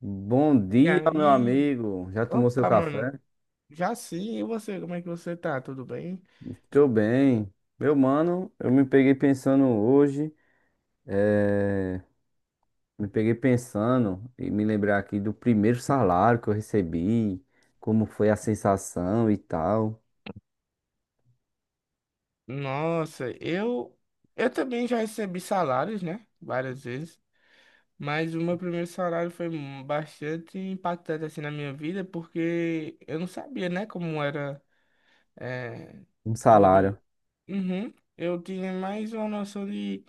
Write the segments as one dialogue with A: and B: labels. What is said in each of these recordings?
A: Bom
B: E
A: dia, meu
B: aí,
A: amigo. Já tomou seu
B: opa, mano,
A: café?
B: já sim, e você, como é que você tá? Tudo bem?
A: Estou bem. Meu mano, eu me peguei pensando hoje, eh, me peguei pensando e me lembrar aqui do primeiro salário que eu recebi, como foi a sensação e tal.
B: Nossa, eu também já recebi salários, né? Várias vezes, mas o meu primeiro salário foi bastante impactante assim na minha vida, porque eu não sabia, né, como era é,
A: Um
B: tudo.
A: salário.
B: Uhum. Eu tinha mais uma noção de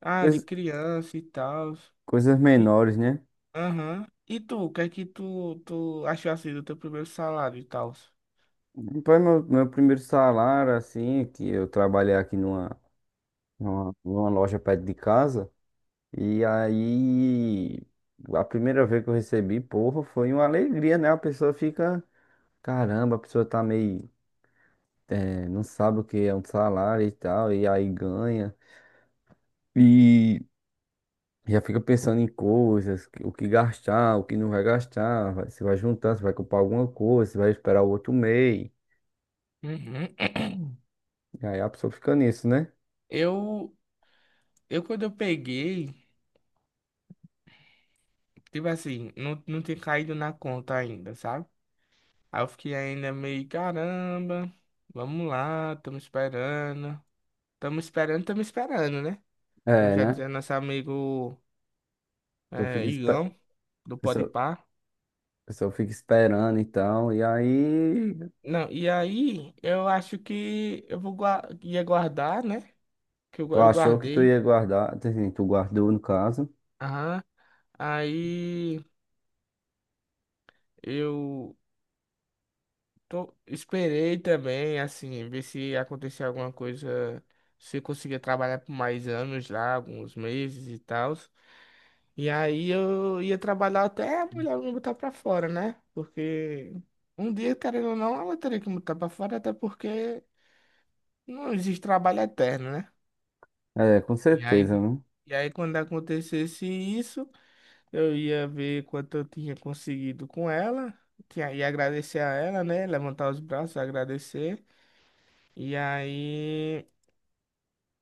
B: ah, de
A: Cois-
B: criança e tal.
A: coisas
B: E,
A: menores, né?
B: aham. E tu, o que é que tu achou assim do teu primeiro salário e tal?
A: Foi meu primeiro salário, assim, que eu trabalhei aqui numa loja perto de casa. E aí, a primeira vez que eu recebi, porra, foi uma alegria, né? A pessoa fica, caramba, a pessoa tá meio, não sabe o que é um salário e tal, e aí ganha. E já fica pensando em coisas, o que gastar, o que não vai gastar, se vai juntar, se vai comprar alguma coisa, se vai esperar o outro mês.
B: Uhum.
A: E aí a pessoa fica nisso, né?
B: Eu, eu quando eu peguei, tipo assim, não tinha caído na conta ainda, sabe? Aí eu fiquei ainda meio, caramba, vamos lá, tamo esperando. Tamo esperando, tamo esperando, né? Como
A: É,
B: já
A: né? A
B: dizia nosso amigo
A: pessoa fica, a
B: Igão, do
A: pessoa-
B: Podpah.
A: a pessoa fica esperando e tal, e aí.
B: Não, e aí eu acho que ia guardar, né?
A: Tu
B: Eu
A: achou que tu
B: guardei.
A: ia guardar, assim, tu guardou no caso.
B: Aham. Aí eu Esperei também, assim, ver se acontecia alguma coisa, se eu conseguia trabalhar por mais anos lá, alguns meses e tal. E aí eu ia trabalhar até a mulher me botar pra fora, né? Porque um dia, querendo ou não, ela teria que me botar pra fora, até porque não existe trabalho eterno, né?
A: É, com
B: E
A: certeza,
B: aí,
A: né?
B: e aí quando acontecesse isso, eu ia ver quanto eu tinha conseguido com ela, que aí agradecer a ela, né? Levantar os braços, agradecer. E aí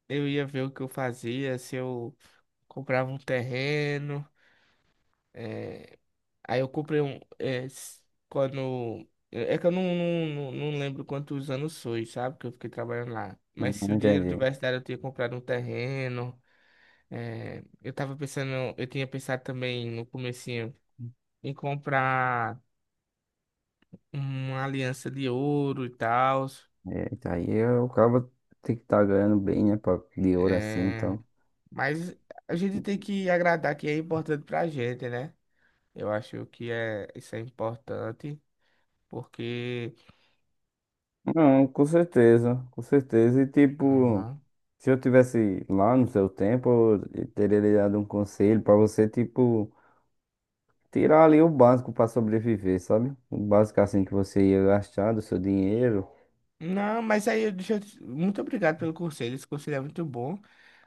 B: eu ia ver o que eu fazia, se eu comprava um terreno. é, Aí eu comprei um. É, s- quando. É é que eu não lembro quantos anos foi, sabe? Que eu fiquei trabalhando lá. Mas se
A: Não
B: o dinheiro
A: entendi.
B: tivesse dado, eu tinha comprado um terreno. Eu tava pensando. Eu tinha pensado também no comecinho em comprar uma aliança de ouro e tal.
A: É, tá o cara tem que estar ganhando bem, né? Pra, de ouro assim,
B: É,
A: então.
B: mas a gente tem que agradar que é importante pra gente, né? Eu acho que isso é importante, porque.
A: Não, com certeza, com certeza. E tipo.
B: Aham.
A: Se eu tivesse lá no seu tempo, eu teria lhe dado um conselho pra você, tipo, tirar ali o básico pra sobreviver, sabe? O básico assim que você ia gastar do seu dinheiro,
B: Não, mas aí, deixa eu... muito obrigado pelo conselho, esse conselho é muito bom,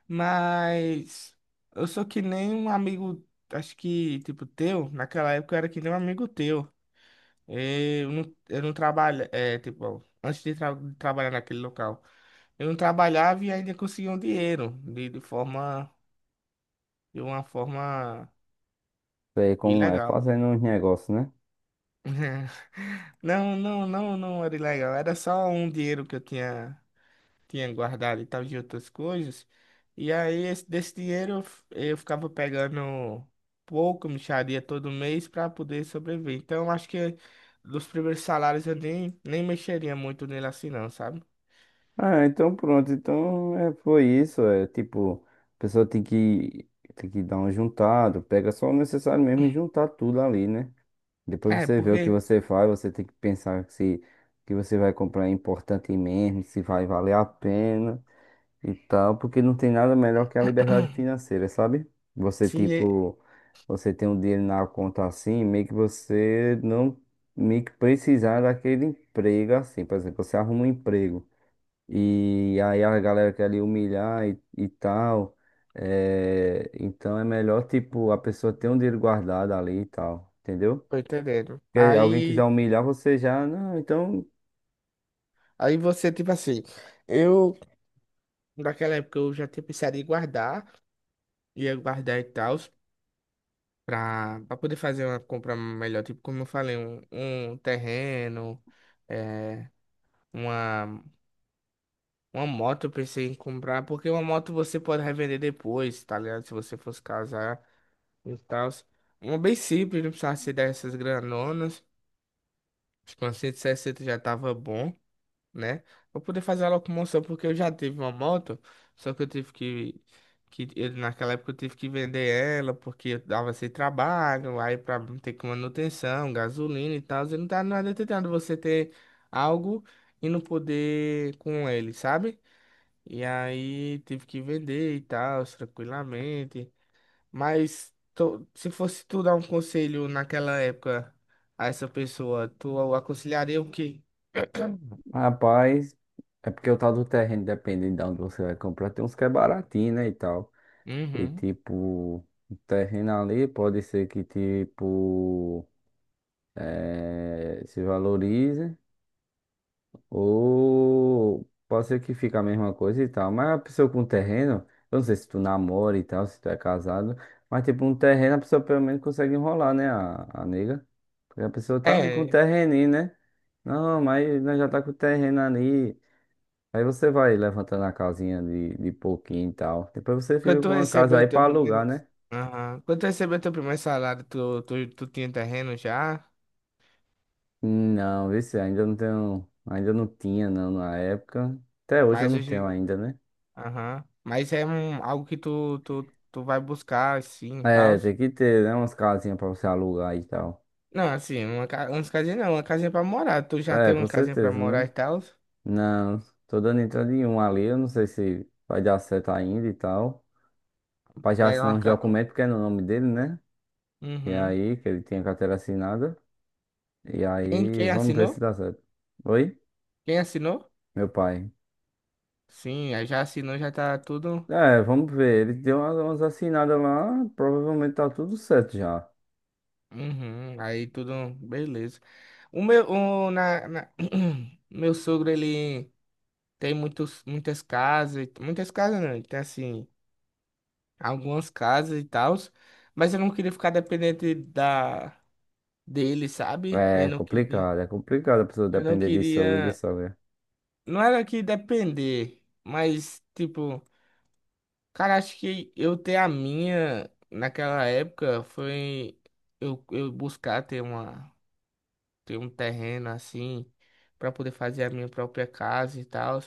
B: mas eu sou que nem um amigo, acho que, tipo, teu, naquela época eu era que nem um amigo teu, eu não trabalho, é, tipo, antes de trabalhar naquele local, eu não trabalhava e ainda conseguia um dinheiro, de forma, de uma forma
A: é como é,
B: ilegal.
A: fazendo uns negócios, né?
B: Não, não era ilegal. Era só um dinheiro que eu tinha guardado e tal de outras coisas. E aí, desse dinheiro, eu ficava pegando pouco, mixaria todo mês para poder sobreviver. Então, eu acho que dos primeiros salários eu nem mexeria muito nele assim, não, sabe?
A: Ah, então pronto, então é, foi isso, é tipo, a pessoa tem que dar um juntado, pega só o necessário mesmo e juntar tudo ali, né? Depois
B: É,
A: você vê o que
B: porque.
A: você faz, você tem que pensar se o que você vai comprar é importante mesmo, se vai valer a pena. E tal, porque não tem nada melhor que a liberdade financeira, sabe? Você,
B: Sim, é-
A: tipo, você tem um dinheiro na conta assim, meio que você não meio que precisar daquele emprego assim. Por exemplo, você arruma um emprego e aí a galera quer lhe humilhar e tal. É, então é melhor, tipo, a pessoa ter um dinheiro guardado ali e tal, entendeu?
B: Tô entendendo.
A: Porque alguém
B: Aí,
A: quiser humilhar você já, não, então.
B: aí você, tipo assim, eu, naquela época, eu já tinha pensado em guardar, ia guardar e tal. Pra poder fazer uma compra melhor, tipo, como eu falei, um terreno, é, uma, uma moto eu pensei em comprar, porque uma moto você pode revender depois, tá ligado? Se você fosse casar e tal. Uma bem simples, não precisava ser dessas granonas. Acho que uma 160 já tava bom, né? Pra poder fazer a locomoção, porque eu já tive uma moto, só que eu tive que eu- naquela época eu tive que vender ela, porque eu dava sem trabalho, aí pra ter com manutenção, gasolina e tal, e não tá nada tentando você ter algo e não poder com ele, sabe? E aí tive que vender e tal, tranquilamente, mas se fosse tu dar um conselho naquela época a essa pessoa, tu aconselharia o quê?
A: Rapaz, é porque o tal do terreno, dependendo de onde você vai comprar, tem uns que é baratinho, né, e tal. E
B: Uhum.
A: tipo, o terreno ali pode ser que tipo se valorize ou pode ser que fique a mesma coisa e tal. Mas a pessoa com terreno, eu não sei se tu namora e tal, se tu é casado, mas tipo um terreno a pessoa pelo menos consegue enrolar, né, a nega. Porque a pessoa tá ali com o
B: É,
A: terreninho, né? Não, mas nós já tá com o terreno ali. Aí você vai levantando a casinha de pouquinho e tal. Depois você
B: quando
A: fica
B: tu
A: com uma casa
B: recebeu o
A: aí
B: teu
A: pra
B: primeiro.
A: alugar, né?
B: Aham. Quando tu recebeu teu primeiro salário, tu tinha terreno já?
A: Não, vixe, ainda não tenho. Ainda não tinha, não, na época. Até hoje eu
B: Mas
A: não tenho
B: hoje.
A: ainda, né?
B: Aham. Mas é um, algo que tu vai buscar, assim, e tal.
A: É, tem que ter, né? Umas casinhas pra você alugar e tal.
B: Não, assim, uma, ca- umas casinhas não, uma casinha pra morar. Tu já tem
A: É, com
B: uma casinha pra
A: certeza,
B: morar e
A: né?
B: tal.
A: Não, tô dando entrada em um ali. Eu não sei se vai dar certo ainda e tal. Pra já
B: Pega
A: assinar
B: uma
A: uns
B: ca...
A: documentos, porque é no nome dele, né? E
B: Uhum.
A: aí, que ele tinha carteira assinada. E aí,
B: Quem
A: vamos ver se
B: assinou?
A: dá certo. Oi?
B: Quem assinou?
A: Meu pai.
B: Sim, aí já assinou, já tá tudo.
A: É, vamos ver. Ele deu umas assinadas lá, provavelmente tá tudo certo já.
B: Uhum. Aí tudo, beleza. O meu, o, na, na- meu sogro, ele. Tem muitas casas, e- muitas casas não, tem assim, algumas casas e tal, mas eu não queria ficar dependente da dele, sabe? Eu não queria,
A: É complicado a pessoa
B: eu não
A: depender de sogro e de
B: queria,
A: sogra.
B: não era que depender, mas tipo, cara, acho que eu ter a minha naquela época foi eu buscar ter uma ter um terreno assim para poder fazer a minha própria casa e tal,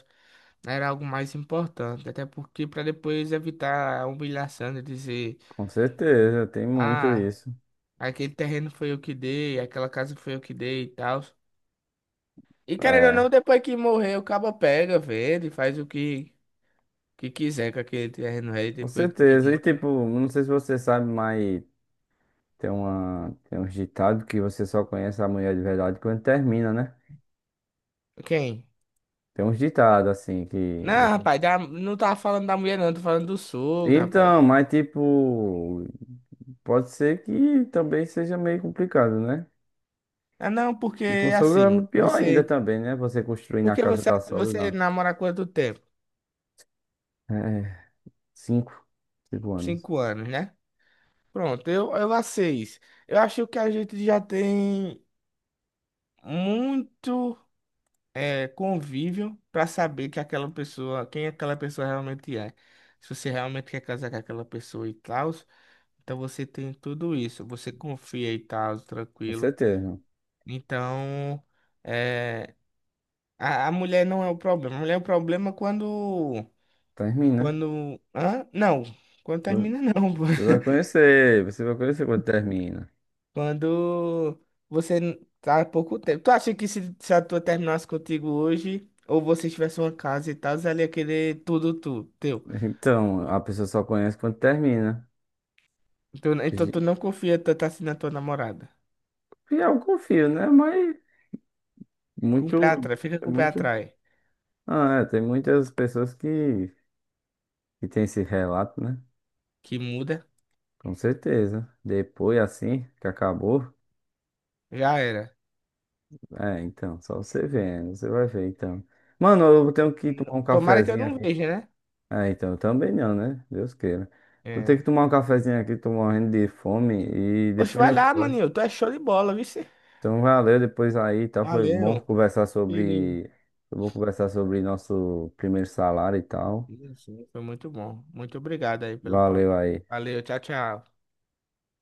B: era algo mais importante, até porque para depois evitar a humilhação de dizer,
A: Com certeza, tem muito
B: ah,
A: isso.
B: aquele terreno foi eu que dei, aquela casa foi eu que dei e tal. E querendo ou
A: É,
B: não, depois que morrer, o cabo pega, vende, faz o que, que quiser com aquele terreno aí,
A: com
B: depois de
A: certeza. E
B: muito.
A: tipo, não sei se você sabe, mas tem uma, tem uns ditados que você só conhece a mulher de verdade quando termina, né?
B: Quem?
A: Tem uns ditados assim que
B: Não,
A: você...
B: rapaz, não tava falando da mulher, não, tô falando do sogro, rapaz.
A: Então, mas tipo, pode ser que também seja meio complicado, né?
B: Ah, não, porque
A: E com sogra é
B: assim,
A: pior ainda
B: você.
A: também, né? Você construir na
B: Porque
A: casa da sogra,
B: você
A: não.
B: namora há quanto tempo?
A: É, cinco, cinco anos.
B: Cinco anos, né? Pronto, eu há seis. Eu acho que a gente já tem muito convívio para saber que aquela pessoa, quem aquela pessoa realmente é. Se você realmente quer casar com aquela pessoa e tal, então você tem tudo isso. Você confia e tal,
A: Com
B: tranquilo.
A: certeza, não.
B: Então, eh, a mulher não é o problema. A mulher é o problema é quando.
A: Termina.
B: Quando. Hã? Não. Quando
A: Você
B: termina, não. Pô.
A: você vai conhecer quando termina.
B: Quando tá há pouco tempo. Tu acha que se a tua terminasse contigo hoje, ou vocês tivessem uma casa e tal, ela ia querer tudo teu.
A: Então, a pessoa só conhece quando termina.
B: Então, então tu não confia tanto assim na tua namorada.
A: E eu confio, né? Mas
B: Com o pé
A: muito,
B: atrás, fica
A: é
B: com o pé
A: muito.
B: atrás.
A: Ah, é, tem muitas pessoas que tem esse relato, né?
B: Que muda,
A: Com certeza. Depois, assim, que acabou.
B: já era.
A: É, então, só você vendo, você vai ver, então. Mano, eu tenho que tomar um
B: Tomara que eu
A: cafezinho
B: não
A: aqui.
B: veja, né?
A: É, então, eu também não, né? Deus queira. Eu tenho
B: É.
A: que tomar um cafezinho aqui, tô morrendo de fome e
B: Oxe,
A: depois
B: vai
A: eu
B: lá,
A: converso.
B: maninho. Tu é show de bola, viu? Cê?
A: Então, valeu, depois aí, tá? Foi bom
B: Valeu,
A: conversar
B: querido.
A: sobre. Foi bom conversar sobre nosso primeiro salário e tal.
B: Sim, sim, foi muito bom. Muito obrigado aí pelo papo.
A: Valeu aí.
B: Valeu, tchau, tchau.